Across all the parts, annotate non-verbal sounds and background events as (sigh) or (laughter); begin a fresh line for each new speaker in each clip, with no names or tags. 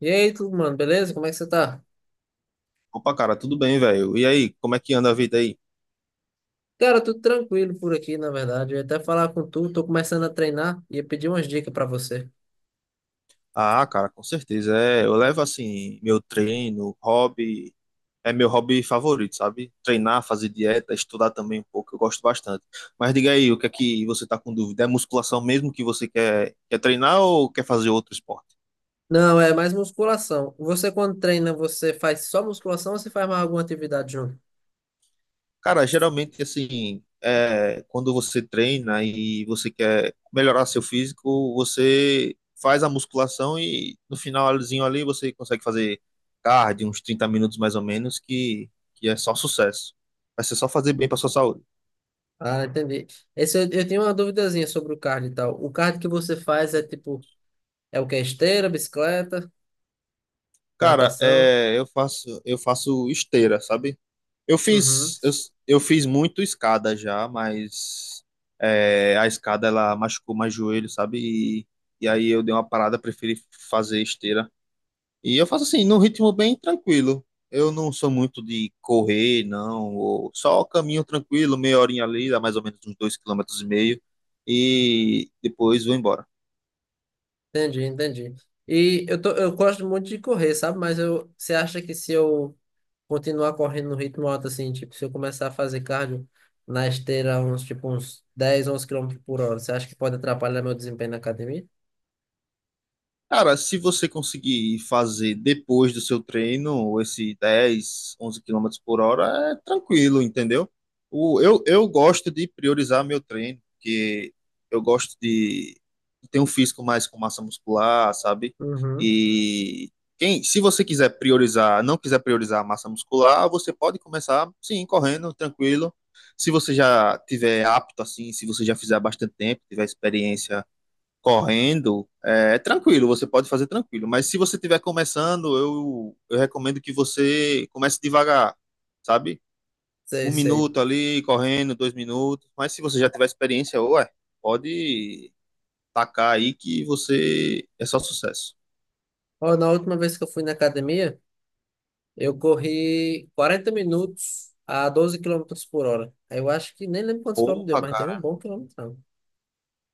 E aí, tudo, mano, beleza? Como é que você tá?
Opa, cara, tudo bem, velho? E aí, como é que anda a vida aí?
Cara, tudo tranquilo por aqui, na verdade. Eu ia até falar com tu, tô começando a treinar e ia pedir umas dicas pra você.
Ah, cara, com certeza. É, eu levo assim meu treino, hobby, é meu hobby favorito, sabe? Treinar, fazer dieta, estudar também um pouco, eu gosto bastante. Mas diga aí, o que é que você tá com dúvida? É musculação mesmo que você quer, quer treinar ou quer fazer outro esporte?
Não, é mais musculação. Você quando treina, você faz só musculação ou você faz mais alguma atividade junto?
Cara, geralmente, assim, é, quando você treina e você quer melhorar seu físico, você faz a musculação e no finalzinho ali você consegue fazer cardio, uns 30 minutos mais ou menos, que é só sucesso. Vai ser só fazer bem para sua saúde.
Ah, entendi. Eu tenho uma duvidazinha sobre o cardio e tal. O cardio que você faz é tipo, é o que? Esteira, bicicleta,
Cara,
natação?
é, eu faço esteira, sabe? Eu
Uhum.
fiz, eu, eu fiz muito escada já, mas é, a escada ela machucou mais joelho, sabe? E, e aí eu dei uma parada, preferi fazer esteira. E eu faço assim, num ritmo bem tranquilo. Eu não sou muito de correr, não. ou só caminho tranquilo, meia horinha ali, dá mais ou menos uns dois quilômetros e meio. E depois vou embora.
Entendi, entendi. E eu gosto muito de correr, sabe? Você acha que se eu continuar correndo no ritmo alto, assim, tipo, se eu começar a fazer cardio na esteira, tipo, uns 10 11 quilômetros por hora, você acha que pode atrapalhar meu desempenho na academia?
Cara, se você conseguir fazer depois do seu treino esse 10, 11 quilômetros por hora, é tranquilo, entendeu? O, eu gosto de priorizar meu treino, porque eu gosto de ter um físico mais com massa muscular, sabe?
Uhum.
E quem, se você quiser priorizar, não quiser priorizar a massa muscular, você pode começar, sim, correndo, tranquilo. Se você já tiver apto, assim, se você já fizer há bastante tempo, tiver experiência correndo, é tranquilo, você pode fazer tranquilo. Mas se você estiver começando, eu recomendo que você comece devagar, sabe? Um
Sei, sei.
minuto ali, correndo, dois minutos. Mas se você já tiver experiência, ué, pode tacar aí que você é só sucesso.
Ó, na última vez que eu fui na academia, eu corri 40 minutos a 12 quilômetros por hora. Aí eu acho que nem lembro quantos quilômetros deu,
Porra,
mas tem um
cara,
bom quilômetro.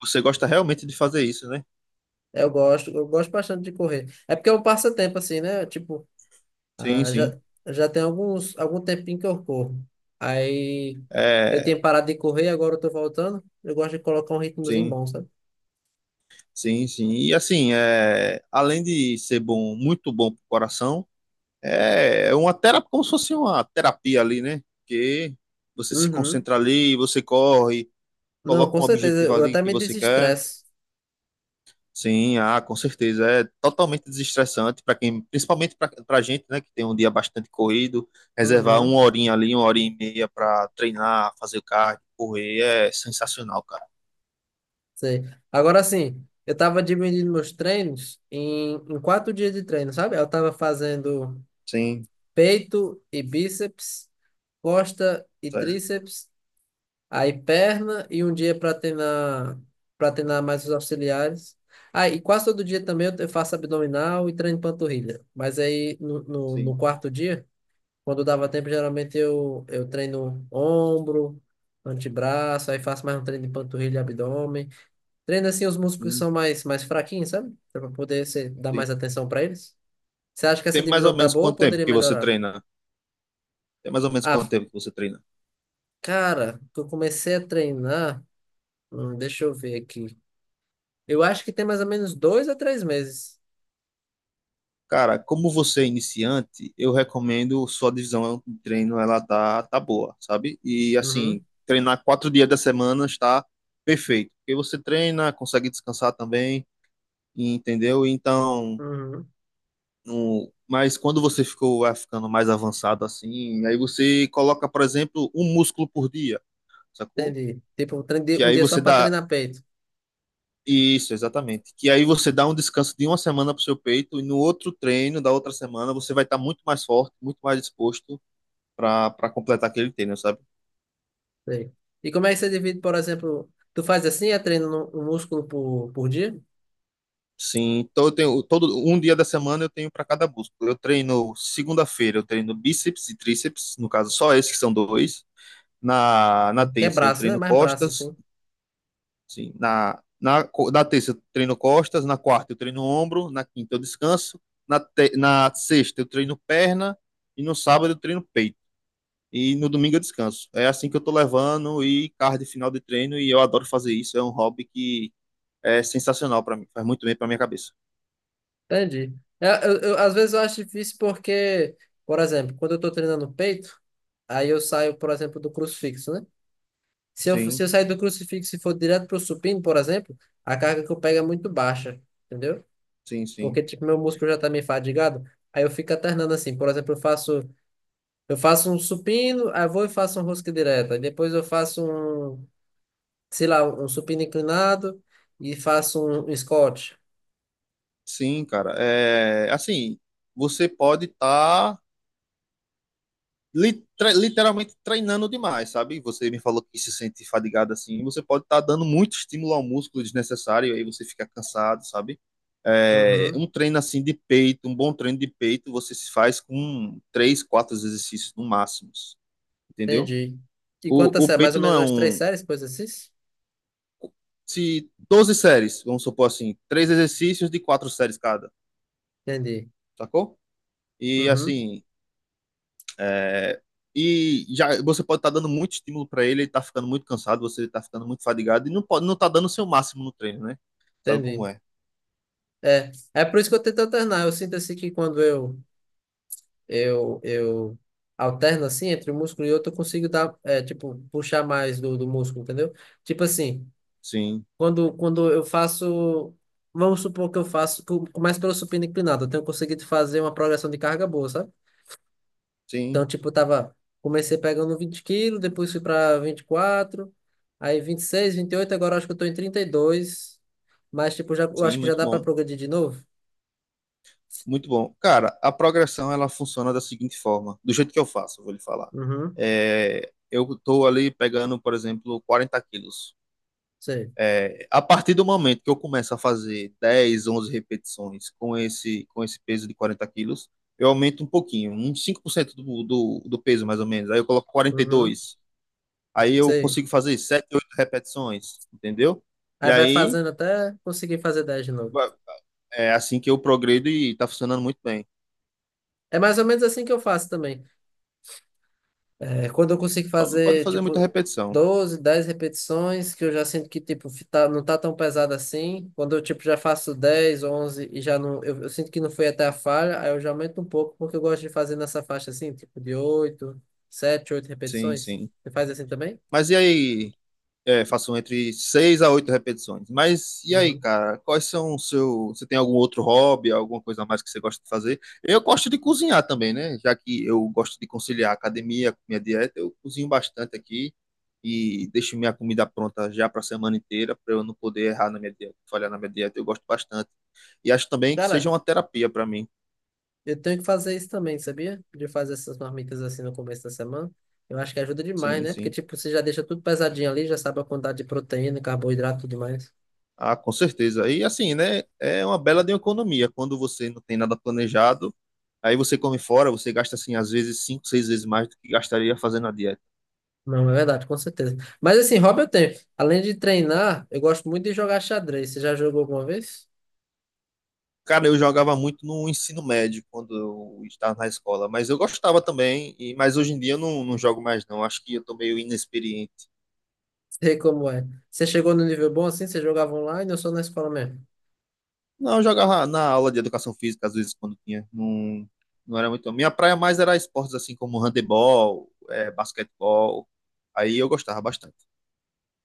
você gosta realmente de fazer isso, né?
Eu gosto bastante de correr. É porque é um passatempo, assim, né? Tipo,
Sim,
ah,
sim.
já tem algum tempinho que eu corro. Aí eu tinha
É,
parado de correr, agora eu tô voltando. Eu gosto de colocar um ritmozinho
sim,
bom, sabe?
sim, sim. E assim, é, além de ser bom, muito bom pro coração. É uma terapia, como se fosse uma terapia ali, né? Que você se
Uhum.
concentra ali, você corre,
Não,
coloca
com
um
certeza.
objetivo
Eu
ali
até
que
me
você quer.
desestresso.
Sim, ah, com certeza. É totalmente desestressante para quem, principalmente para a gente, né, que tem um dia bastante corrido, reservar
Uhum.
uma horinha ali, uma hora e meia para treinar, fazer cardio, correr, é sensacional, cara.
Sei. Agora sim, eu tava dividindo meus treinos em 4 dias de treino, sabe? Eu tava fazendo
Sim,
peito e bíceps, costa e
certo,
tríceps. Aí perna e um dia para treinar mais os auxiliares. Aí e quase todo dia também eu faço abdominal e treino panturrilha. Mas aí no, no,
sim,
no quarto dia, quando dava tempo, geralmente eu treino ombro, antebraço, aí faço mais um treino de panturrilha e abdômen. Treino assim os músculos que
sim,
são mais fraquinhos, sabe? Para poder dar
sim.
mais atenção para eles. Você acha que essa
Tem mais
divisão
ou
tá
menos
boa ou
quanto tempo
poderia
que você
melhorar?
treina? Tem mais ou menos quanto
Ah,
tempo que você treina?
cara, que eu comecei a treinar. Deixa eu ver aqui. Eu acho que tem mais ou menos 2 a 3 meses.
Cara, como você é iniciante, eu recomendo sua divisão de treino, ela tá boa, sabe? E assim,
Uhum,
treinar 4 dias da semana está perfeito. Porque você treina, consegue descansar também, entendeu? Então,
uhum.
no... mas quando você ficou vai ficando mais avançado assim, aí você coloca, por exemplo, um músculo por dia, sacou?
Entendi. Tipo, um treino de
Que
um
aí
dia só
você
para
dá.
treinar peito.
Isso, exatamente. Que aí você dá um descanso de uma semana pro seu peito e no outro treino da outra semana você vai estar muito mais forte, muito mais disposto para completar aquele treino, sabe?
Sei. E como é que você divide, por exemplo, tu faz assim, é treino um músculo por dia?
Sim, então eu tenho todo um dia da semana eu tenho para cada músculo. Eu treino segunda-feira, eu treino bíceps e tríceps, no caso só esses que são dois. Na
Que é
terça eu
braço, né?
treino
Mais braço,
costas,
assim.
sim, na terça eu treino costas, na quarta eu treino ombro, na quinta eu descanso, na sexta eu treino perna e no sábado eu treino peito. E no domingo eu descanso. É assim que eu tô levando e cardio final de treino e eu adoro fazer isso, é um hobby que é sensacional para mim, faz muito bem para minha cabeça.
Entendi. Às vezes eu acho difícil porque, por exemplo, quando eu tô treinando peito, aí eu saio, por exemplo, do crucifixo, né? Se eu, se
Sim,
eu sair do crucifixo e for direto pro supino, por exemplo, a carga que eu pego é muito baixa, entendeu?
sim, sim.
Porque tipo meu músculo já tá meio fadigado, aí eu fico alternando assim, por exemplo, eu faço um supino, aí eu vou e faço um rosca direta, aí depois eu faço um, sei lá, um supino inclinado e faço um squat.
Sim, cara. É, assim, você pode estar literalmente treinando demais, sabe? Você me falou que se sente fadigado assim, você pode estar dando muito estímulo ao músculo desnecessário, aí você fica cansado, sabe? É,
Uhum,
um treino assim de peito, um bom treino de peito, você se faz com três, quatro exercícios no máximo, entendeu?
entendi. E
O,
quantas
o
séries? Mais
peito
ou
não
menos
é
umas três
um.
séries, coisa assim?
Se 12 séries, vamos supor assim, três exercícios de quatro séries cada.
Entendi.
Sacou? E
Uhum,
assim, é, e já você pode estar dando muito estímulo para ele, ele tá ficando muito cansado, você tá ficando muito fadigado e não pode, não tá dando o seu máximo no treino, né? Sabe como
entendi.
é?
É por isso que eu tento alternar. Eu sinto assim que quando eu eu eu alterno assim entre um músculo e outro, eu consigo dar, é, tipo, puxar mais do músculo, entendeu? Tipo assim,
Sim,
quando eu faço, vamos supor que eu começo pelo supino inclinado, eu tenho conseguido fazer uma progressão de carga boa, sabe? Então,
sim,
tipo, comecei pegando 20 quilos, depois fui para 24, aí vinte, 26, 28, agora eu acho que eu tô em 32, mas, tipo, já, eu acho
sim,
que já
muito
dá para
bom.
progredir de novo.
Muito bom. Cara, a progressão ela funciona da seguinte forma, do jeito que eu faço, eu vou lhe falar.
Uhum,
É, eu tô ali pegando, por exemplo, 40 quilos.
sei,
É, a partir do momento que eu começo a fazer 10, 11 repetições com esse peso de 40 quilos, eu aumento um pouquinho, uns 5% do peso mais ou menos. Aí eu coloco quarenta e
uhum,
dois, Aí eu
sei.
consigo fazer 7, 8 repetições, entendeu? E
Aí vai
aí
fazendo até conseguir fazer 10 de novo.
é assim que eu progredo e tá funcionando muito bem.
É mais ou menos assim que eu faço também. É, quando eu consigo
Só não pode
fazer,
fazer muita
tipo,
repetição.
12, 10 repetições, que eu já sinto que, tipo, tá, não tá tão pesado assim. Quando eu, tipo, já faço 10, 11 e já não... Eu sinto que não foi até a falha, aí eu já aumento um pouco, porque eu gosto de fazer nessa faixa, assim, tipo, de 8 7 8
Sim,
repetições.
sim.
Você faz assim também?
Mas e aí, é, faço entre seis a oito repetições. Mas e aí,
Uhum.
cara? Quais são o seu. Você tem algum outro hobby, alguma coisa a mais que você gosta de fazer? Eu gosto de cozinhar também, né? Já que eu gosto de conciliar a academia com minha dieta, eu cozinho bastante aqui e deixo minha comida pronta já para a semana inteira, para eu não poder errar na minha dieta, falhar na minha dieta. Eu gosto bastante. E acho também que seja
Cara,
uma terapia para mim.
eu tenho que fazer isso também, sabia? De fazer essas marmitas assim no começo da semana. Eu acho que ajuda demais,
Sim,
né? Porque,
sim.
tipo, você já deixa tudo pesadinho ali, já sabe a quantidade de proteína, carboidrato e tudo mais.
Ah, com certeza. E assim, né? É uma bela de uma economia. Quando você não tem nada planejado, aí você come fora, você gasta assim, às vezes, cinco, seis vezes mais do que gastaria fazendo a dieta.
Não, é verdade, com certeza. Mas assim, hobby eu tenho. Além de treinar, eu gosto muito de jogar xadrez. Você já jogou alguma vez?
Cara, eu jogava muito no ensino médio quando eu estava na escola, mas eu gostava também, e, mas hoje em dia eu não jogo mais, não. Acho que eu tô meio inexperiente.
Sei como é. Você chegou no nível bom assim? Você jogava online ou só na escola mesmo?
Não, eu jogava na aula de educação física, às vezes, quando tinha. Não, não era muito. Minha praia mais era esportes assim como handebol, é, basquetebol. Aí eu gostava bastante.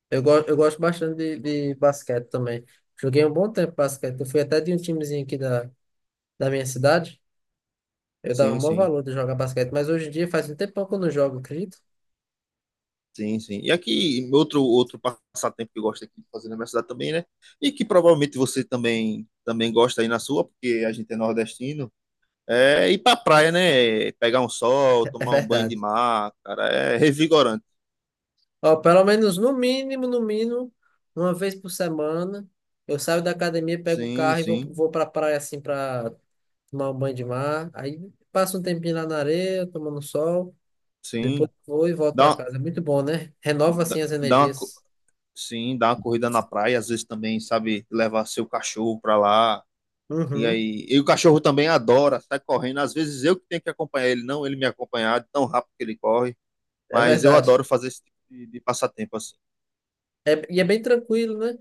Eu gosto bastante de basquete também. Joguei um bom tempo basquete. Eu fui até de um timezinho aqui da minha cidade. Eu dava o
Sim,
maior
sim.
valor de jogar basquete. Mas hoje em dia faz um tempão que eu não jogo, acredito. (laughs)
Sim, sim. E aqui, outro passatempo que eu gosto aqui de fazer na minha cidade também, né? E que provavelmente você também gosta aí na sua, porque a gente é nordestino, é ir pra praia, né? Pegar um sol,
É
tomar um banho de
verdade.
mar, cara, é revigorante.
Ó, pelo menos no mínimo, no mínimo, uma vez por semana. Eu saio da academia, pego o
Sim,
carro e vou,
sim,
vou pra praia assim pra tomar um banho de mar. Aí passa um tempinho lá na areia, tomando sol. Depois
sim.
vou e volto pra
Dá, uma-
casa. É muito bom, né? Renova
dá,
assim as
dá uma, co-
energias.
sim, dá uma corrida na praia, às vezes também, sabe, levar seu cachorro pra lá. E
Uhum,
aí, e o cachorro também adora, sai correndo. Às vezes eu que tenho que acompanhar ele, não ele me acompanhar, de tão rápido que ele corre.
é
Mas eu
verdade.
adoro fazer esse tipo de passatempo assim.
E é bem tranquilo, né?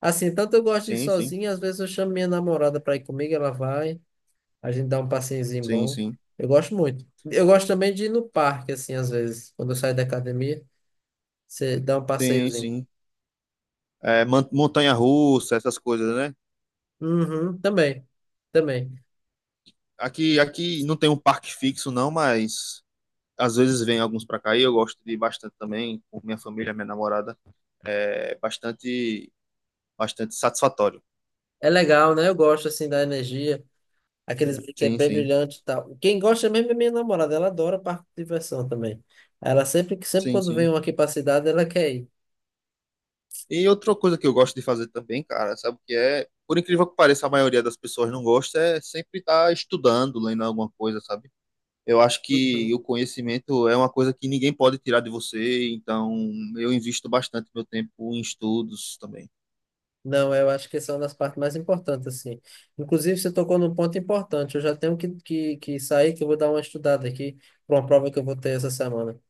Assim, tanto eu gosto de ir
Sim, sim,
sozinho, às vezes eu chamo minha namorada pra ir comigo, ela vai, a gente dá um passeiozinho
sim,
bom.
sim,
Eu gosto muito. Eu gosto também de ir no parque, assim, às vezes. Quando eu saio da academia, você dá um
sim,
passeiozinho.
sim. É, montanha-russa, essas coisas, né?
Uhum, também, também.
Aqui não tem um parque fixo, não, mas às vezes vem alguns para cá e eu gosto de ir bastante também, com minha família, minha namorada. É bastante, bastante satisfatório.
É legal, né? Eu gosto, assim, da energia. Aqueles brinquedos
Sim,
bem
sim,
brilhantes e tal. Quem gosta mesmo é minha namorada, ela adora parque de diversão também. Ela sempre
sim,
quando vem
sim.
um aqui para cidade, ela quer ir.
E outra coisa que eu gosto de fazer também, cara, sabe o que é? Por incrível que pareça, a maioria das pessoas não gosta, é sempre estar estudando, lendo alguma coisa, sabe? Eu acho que
Uhum.
o conhecimento é uma coisa que ninguém pode tirar de você, então eu invisto bastante meu tempo em estudos também.
Não, eu acho que essa é uma das partes mais importantes, assim. Inclusive, você tocou num ponto importante. Eu já tenho que, sair, que eu vou dar uma estudada aqui para uma prova que eu vou ter essa semana.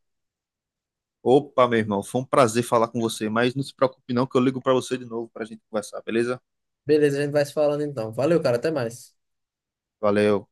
Opa, meu irmão, foi um prazer falar com você, mas não se preocupe não que eu ligo para você de novo para a gente conversar, beleza?
Beleza, a gente vai se falando então. Valeu, cara, até mais.
Valeu.